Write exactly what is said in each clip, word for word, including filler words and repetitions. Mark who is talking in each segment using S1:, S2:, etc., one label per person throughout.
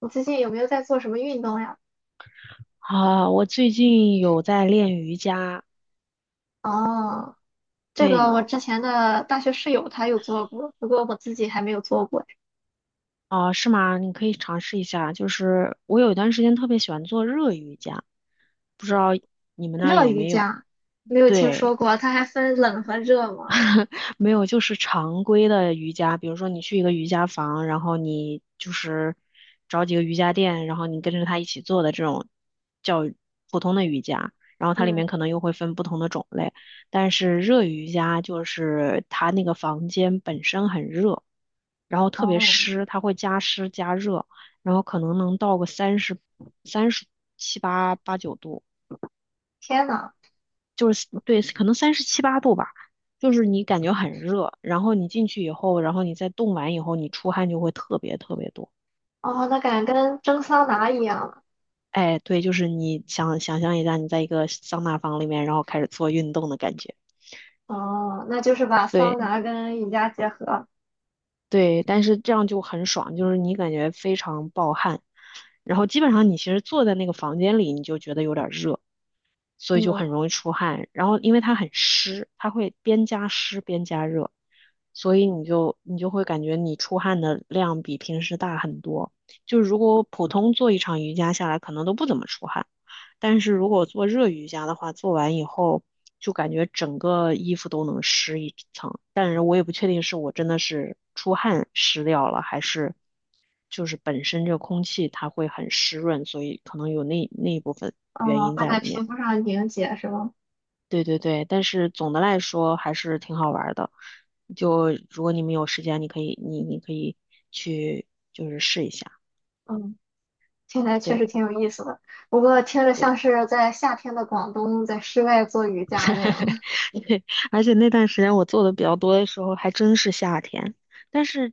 S1: 你最近有没有在做什么运动呀？
S2: 啊，我最近有在练瑜伽，
S1: 哦，这个
S2: 对，
S1: 我之前的大学室友她有做过，不过我自己还没有做过。
S2: 啊，是吗？你可以尝试一下。就是我有一段时间特别喜欢做热瑜伽，不知道你们那儿
S1: 热
S2: 有
S1: 瑜
S2: 没有？
S1: 伽，没有听说
S2: 对，
S1: 过，它还分冷和热吗？
S2: 没有，就是常规的瑜伽，比如说你去一个瑜伽房，然后你就是找几个瑜伽垫，然后你跟着他一起做的这种叫普通的瑜伽，然后它里
S1: 嗯，
S2: 面可能又会分不同的种类，但是热瑜伽就是它那个房间本身很热，然后特别
S1: 哦，
S2: 湿，它会加湿加热，然后可能能到个三十三十七八八九度。
S1: 天呐，
S2: 就是对，可能三十七八度吧，就是你感觉很热，然后你进去以后，然后你再冻完以后，你出汗就会特别特别多。
S1: 哦，那感觉跟蒸桑拿一样了。
S2: 哎，对，就是你想想象一下，你在一个桑拿房里面，然后开始做运动的感觉。
S1: 哦，那就是把桑
S2: 对
S1: 拿跟瑜伽结合。
S2: 对，但是这样就很爽，就是你感觉非常暴汗，然后基本上你其实坐在那个房间里，你就觉得有点热，所以就
S1: 嗯，
S2: 很容易出汗。然后因为它很湿，它会边加湿边加热，所以你就你就会感觉你出汗的量比平时大很多。就如果普通做一场瑜伽下来，可能都不怎么出汗，但是如果做热瑜伽的话，做完以后。就感觉整个衣服都能湿一层，但是我也不确定是我真的是出汗湿掉了，还是就是本身这个空气它会很湿润，所以可能有那那一部分原
S1: 哦，
S2: 因
S1: 会
S2: 在
S1: 在
S2: 里
S1: 皮
S2: 面。
S1: 肤上凝结是吗？
S2: 对对对，但是总的来说还是挺好玩儿的。就如果你们有时间，你可以你你可以去就是试一下。
S1: 嗯，听起来确实
S2: 对
S1: 挺有意思的，不过听着
S2: 对。
S1: 像是在夏天的广东在室外做瑜伽那样。
S2: 对，而且那段时间我做的比较多的时候，还真是夏天。但是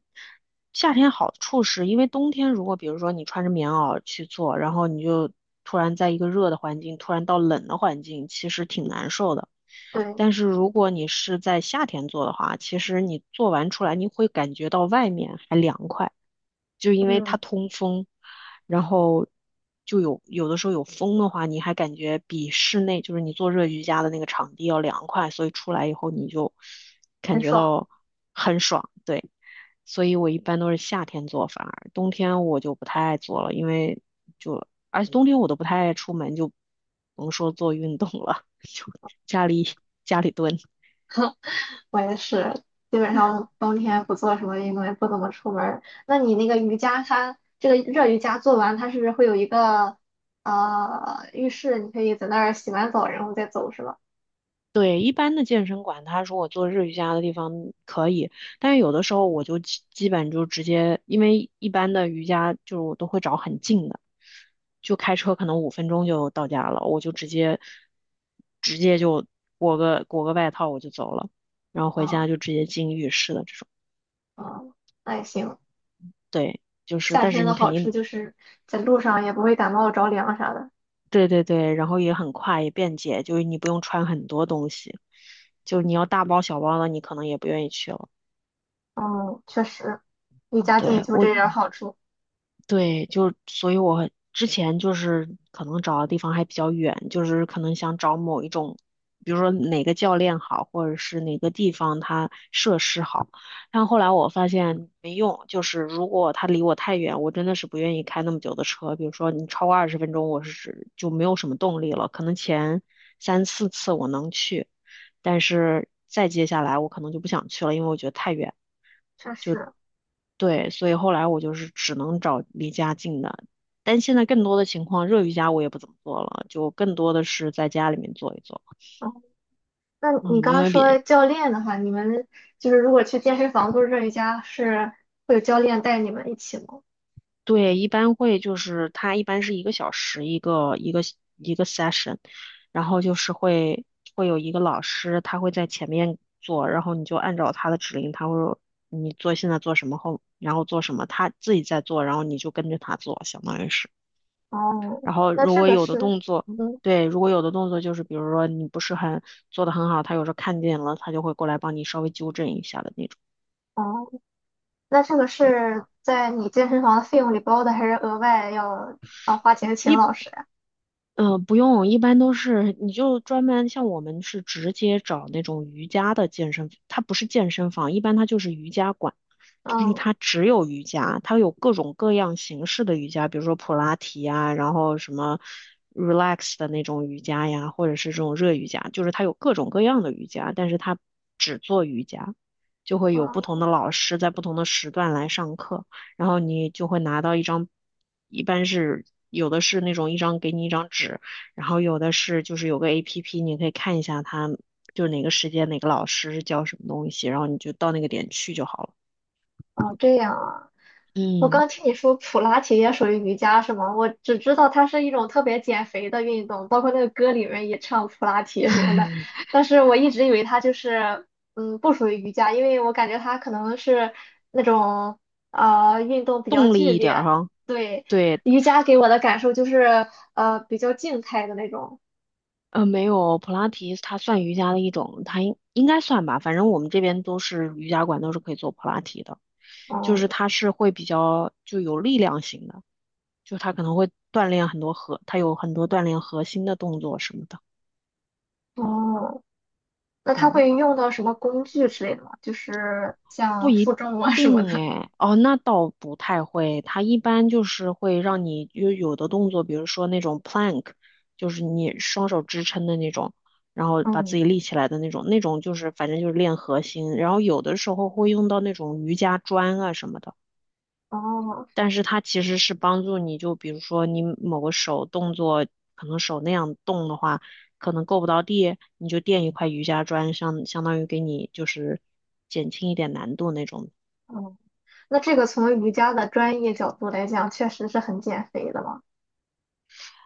S2: 夏天好处是，因为冬天如果比如说你穿着棉袄去做，然后你就突然在一个热的环境，突然到冷的环境，其实挺难受的。
S1: 对。
S2: 但是如果你是在夏天做的话，其实你做完出来，你会感觉到外面还凉快，就因为它
S1: 嗯。
S2: 通风。然后就有有的时候有风的话，你还感觉比室内就是你做热瑜伽的那个场地要凉快，所以出来以后你就感
S1: 很
S2: 觉
S1: 爽。
S2: 到很爽，对。所以我一般都是夏天做，反而冬天我就不太爱做了，因为就而且冬天我都不太爱出门，就甭说做运动了，就家里家里蹲。
S1: 我也是，基本上冬天不做什么运动，也不怎么出门儿。那你那个瑜伽它，这个热瑜伽做完，它是会有一个呃浴室，你可以在那儿洗完澡然后再走，是吧？
S2: 对，一般的健身馆，他说我做日瑜伽的地方可以，但是有的时候我就基基本就直接，因为一般的瑜伽就是我都会找很近的，就开车可能五分钟就到家了，我就直接裹个裹个外套我就走了，然后回家
S1: 啊、
S2: 就直接进浴室的这种。
S1: 啊、那也行。
S2: 对，就是，
S1: 夏
S2: 但是
S1: 天的
S2: 你肯
S1: 好处
S2: 定，
S1: 就是在路上也不会感冒着凉啥的。
S2: 对对对，然后也很快也便捷，就是你不用穿很多东西，就你要大包小包的，你可能也不愿意去了。
S1: 嗯，确实，离家近
S2: 对，
S1: 就
S2: 我。
S1: 这点儿好处，
S2: 对，就所以我之前就是可能找的地方还比较远，就是可能想找某一种，比如说哪个教练好，或者是哪个地方它设施好。但后来我发现没用，就是如果他离我太远，我真的是不愿意开那么久的车。比如说你超过二十分钟，我是就没有什么动力了。可能前三四次我能去，但是再接下来我可能就不想去了，因为我觉得太远。
S1: 确实。
S2: 对，所以后来我就是只能找离家近的，但现在更多的情况，热瑜伽我也不怎么做了，就更多的是在家里面做一做。
S1: 嗯，那
S2: 嗯，
S1: 你刚
S2: 因
S1: 刚
S2: 为
S1: 说
S2: 比，
S1: 教练的话，你们就是如果去健身房做这一家，是会有教练带你们一起吗？
S2: 对，一般会就是他一般是一个小时一个一个一个 session,然后就是会会有一个老师，他会在前面做，然后你就按照他的指令，他会说你做现在做什么后，然后做什么，他自己在做，然后你就跟着他做，相当于是。
S1: 哦，
S2: 然后
S1: 那
S2: 如
S1: 这
S2: 果
S1: 个
S2: 有的
S1: 是，
S2: 动作，
S1: 嗯，
S2: 对，如果有的动作就是比如说你不是很做的很好，他有时候看见了，他就会过来帮你稍微纠正一下的那种。
S1: 哦，那这个
S2: 对，
S1: 是在你健身房的费用里包的，还是额外要啊花钱请
S2: 一。
S1: 老师呀？
S2: 嗯、呃不用，一般都是你就专门像我们是直接找那种瑜伽的健身，它不是健身房，一般它就是瑜伽馆，就是
S1: 嗯，
S2: 它只有瑜伽，它有各种各样形式的瑜伽，比如说普拉提呀，然后什么 relax 的那种瑜伽呀，或者是这种热瑜伽，就是它有各种各样的瑜伽，但是它只做瑜伽，就会有不
S1: 哦
S2: 同的老师在不同的时段来上课。然后你就会拿到一张，一般是有的是那种一张给你一张纸，然后有的是就是有个 A P P,你可以看一下它就哪个时间哪个老师是教什么东西，然后你就到那个点去就好了。
S1: 哦，这样啊。我
S2: 嗯，
S1: 刚听你说普拉提也属于瑜伽是吗？我只知道它是一种特别减肥的运动，包括那个歌里面也唱普拉提什么的，但是我一直以为它就是嗯不属于瑜伽，因为我感觉它可能是那种呃运动比较
S2: 动
S1: 剧
S2: 力一点儿
S1: 烈。
S2: 哈。
S1: 对，
S2: 对，
S1: 瑜伽给我的感受就是呃比较静态的那种。
S2: 呃，没有，普拉提它算瑜伽的一种，它应应该算吧，反正我们这边都是瑜伽馆都是可以做普拉提的，就
S1: 嗯，
S2: 是它是会比较就有力量型的。就他可能会锻炼很多核，他有很多锻炼核心的动作什么的。
S1: 哦，那它
S2: 嗯，
S1: 会用到什么工具之类的吗？就是
S2: 不
S1: 像
S2: 一
S1: 负重啊什么
S2: 定
S1: 的。
S2: 哎。哦，那倒不太会。他一般就是会让你有有的动作，比如说那种 plank,就是你双手支撑的那种，然后把自
S1: 嗯，
S2: 己立起来的那种，那种就是反正就是练核心。然后有的时候会用到那种瑜伽砖啊什么的。
S1: 哦。
S2: 但是它其实是帮助你，就比如说你某个手动作，可能手那样动的话，可能够不到地，你就垫一块瑜伽砖，相相当于给你就是减轻一点难度那种。
S1: 哦，那这个从瑜伽的专业角度来讲，确实是很减肥的嘛。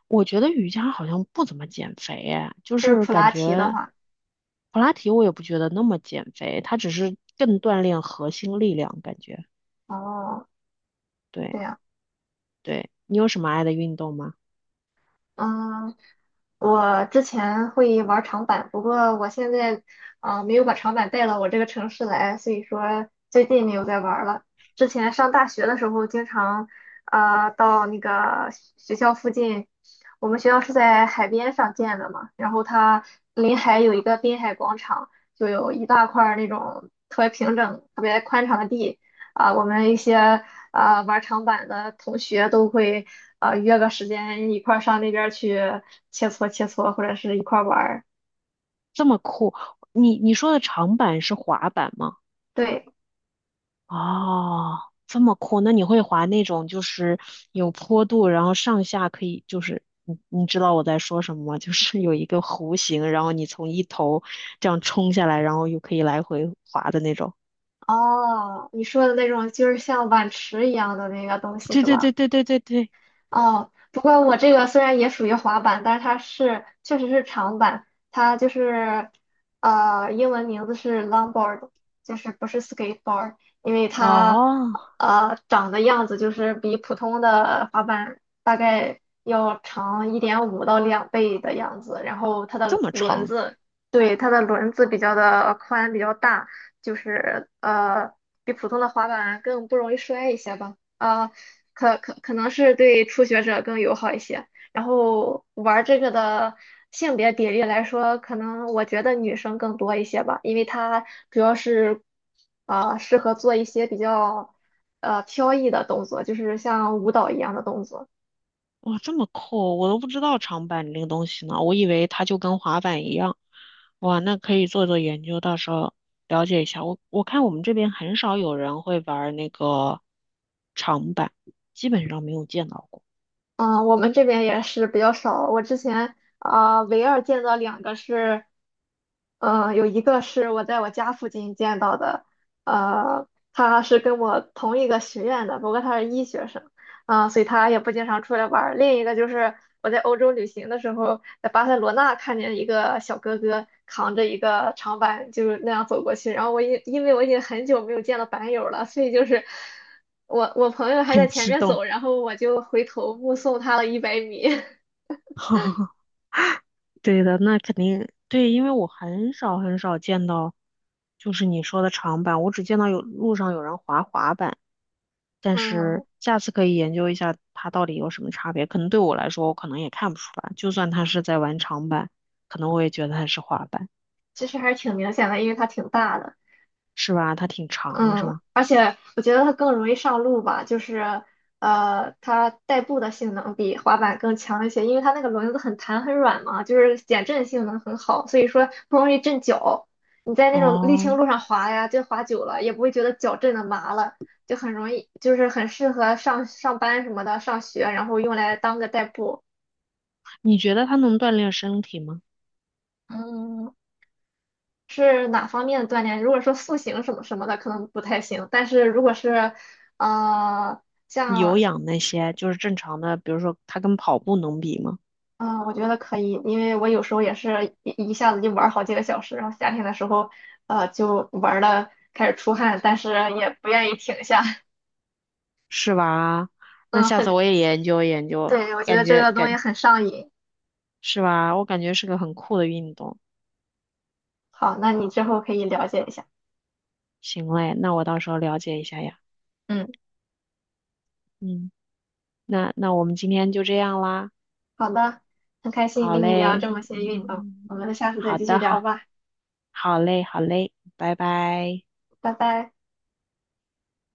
S2: 我觉得瑜伽好像不怎么减肥，哎，就
S1: 就是
S2: 是
S1: 普
S2: 感
S1: 拉提的
S2: 觉
S1: 话，
S2: 普拉提我也不觉得那么减肥，它只是更锻炼核心力量，感觉。
S1: 哦，
S2: 对
S1: 这样。
S2: 对，你有什么爱的运动吗？
S1: 嗯，我之前会玩儿长板，不过我现在啊、呃没有把长板带到我这个城市来，所以说最近没有在玩儿了。之前上大学的时候，经常啊、呃到那个学校附近，我们学校是在海边上建的嘛，然后它临海有一个滨海广场，就有一大块儿那种特别平整、特别宽敞的地啊、我们一些。啊、玩长板的同学都会啊、约个时间一块儿上那边儿去切磋切磋，或者是一块儿玩儿。
S2: 这么酷，你你说的长板是滑板吗？
S1: 对，
S2: 哦，这么酷，那你会滑那种就是有坡度，然后上下可以就是你你知道我在说什么吗？就是有一个弧形，然后你从一头这样冲下来，然后又可以来回滑的那种。
S1: 哦，你说的那种就是像碗池一样的那个东西
S2: 对
S1: 是
S2: 对对
S1: 吧？
S2: 对对对对，
S1: 哦，不过我这个虽然也属于滑板，但是它是确实是长板，它就是呃英文名字是 longboard,就是不是 skateboard,因为它
S2: 哦，
S1: 呃长的样子就是比普通的滑板大概要长一点五到两倍的样子，然后它
S2: 这
S1: 的
S2: 么
S1: 轮
S2: 长。
S1: 子，对，它的轮子比较的宽比较大，就是呃比普通的滑板更不容易摔一些吧。啊，可可可能是对初学者更友好一些。然后玩这个的性别比例来说，可能我觉得女生更多一些吧，因为它主要是啊、适合做一些比较呃飘逸的动作，就是像舞蹈一样的动作。
S2: 哇，这么酷，我都不知道长板这个东西呢，我以为它就跟滑板一样。哇，那可以做做研究，到时候了解一下。我我看我们这边很少有人会玩儿那个长板，基本上没有见到过。
S1: 嗯，我们这边也是比较少。我之前啊、唯二见到两个是嗯，有一个是我在我家附近见到的，呃，他是跟我同一个学院的，不过他是医学生，啊、所以他也不经常出来玩儿。另一个就是我在欧洲旅行的时候，在巴塞罗那看见一个小哥哥扛着一个长板，就是那样走过去。然后我因因为我已经很久没有见到板友了，所以就是我我朋友还在
S2: 很
S1: 前
S2: 激
S1: 面
S2: 动，
S1: 走，然后我就回头目送他了一百米。
S2: 对的，那肯定对，因为我很少很少见到，就是你说的长板，我只见到有路上有人滑滑板。但是
S1: 嗯，
S2: 下次可以研究一下它到底有什么差别。可能对我来说，我可能也看不出来。就算它是在玩长板，可能我也觉得它是滑板，
S1: 其实还是挺明显的，因为他挺大的。
S2: 是吧？它挺长，是
S1: 嗯，
S2: 吗？
S1: 而且我觉得它更容易上路吧，就是呃，它代步的性能比滑板更强一些，因为它那个轮子很弹很软嘛，就是减震性能很好，所以说不容易震脚。你在那种沥
S2: 哦，
S1: 青路上滑呀，就滑久了也不会觉得脚震的麻了，就很容易，就是很适合上上班什么的，上学，然后用来当个代步。
S2: 你觉得它能锻炼身体吗？
S1: 嗯，是哪方面的锻炼？如果说塑形什么什么的，可能不太行，但是如果是呃。
S2: 有氧那些就是正常的，比如说它跟跑步能比吗？
S1: 嗯，我觉得可以，因为我有时候也是一一下子就玩儿好几个小时，然后夏天的时候，呃，就玩的开始出汗，但是也不愿意停下。
S2: 是吧？那
S1: 嗯，
S2: 下次
S1: 很，
S2: 我也研究研究，
S1: 对，我觉得
S2: 感
S1: 这
S2: 觉
S1: 个东西
S2: 感
S1: 很上瘾。
S2: 是吧？我感觉是个很酷的运动。
S1: 好，那你之后可以了解一下。
S2: 行嘞，那我到时候了解一下呀。
S1: 嗯，
S2: 嗯，那那我们今天就这样啦。
S1: 好的，很开心
S2: 好
S1: 跟你聊
S2: 嘞，
S1: 这么些运动，
S2: 嗯，
S1: 我们下次再
S2: 好
S1: 继续
S2: 的，好，
S1: 聊吧，
S2: 好嘞，好嘞，拜拜。
S1: 拜拜。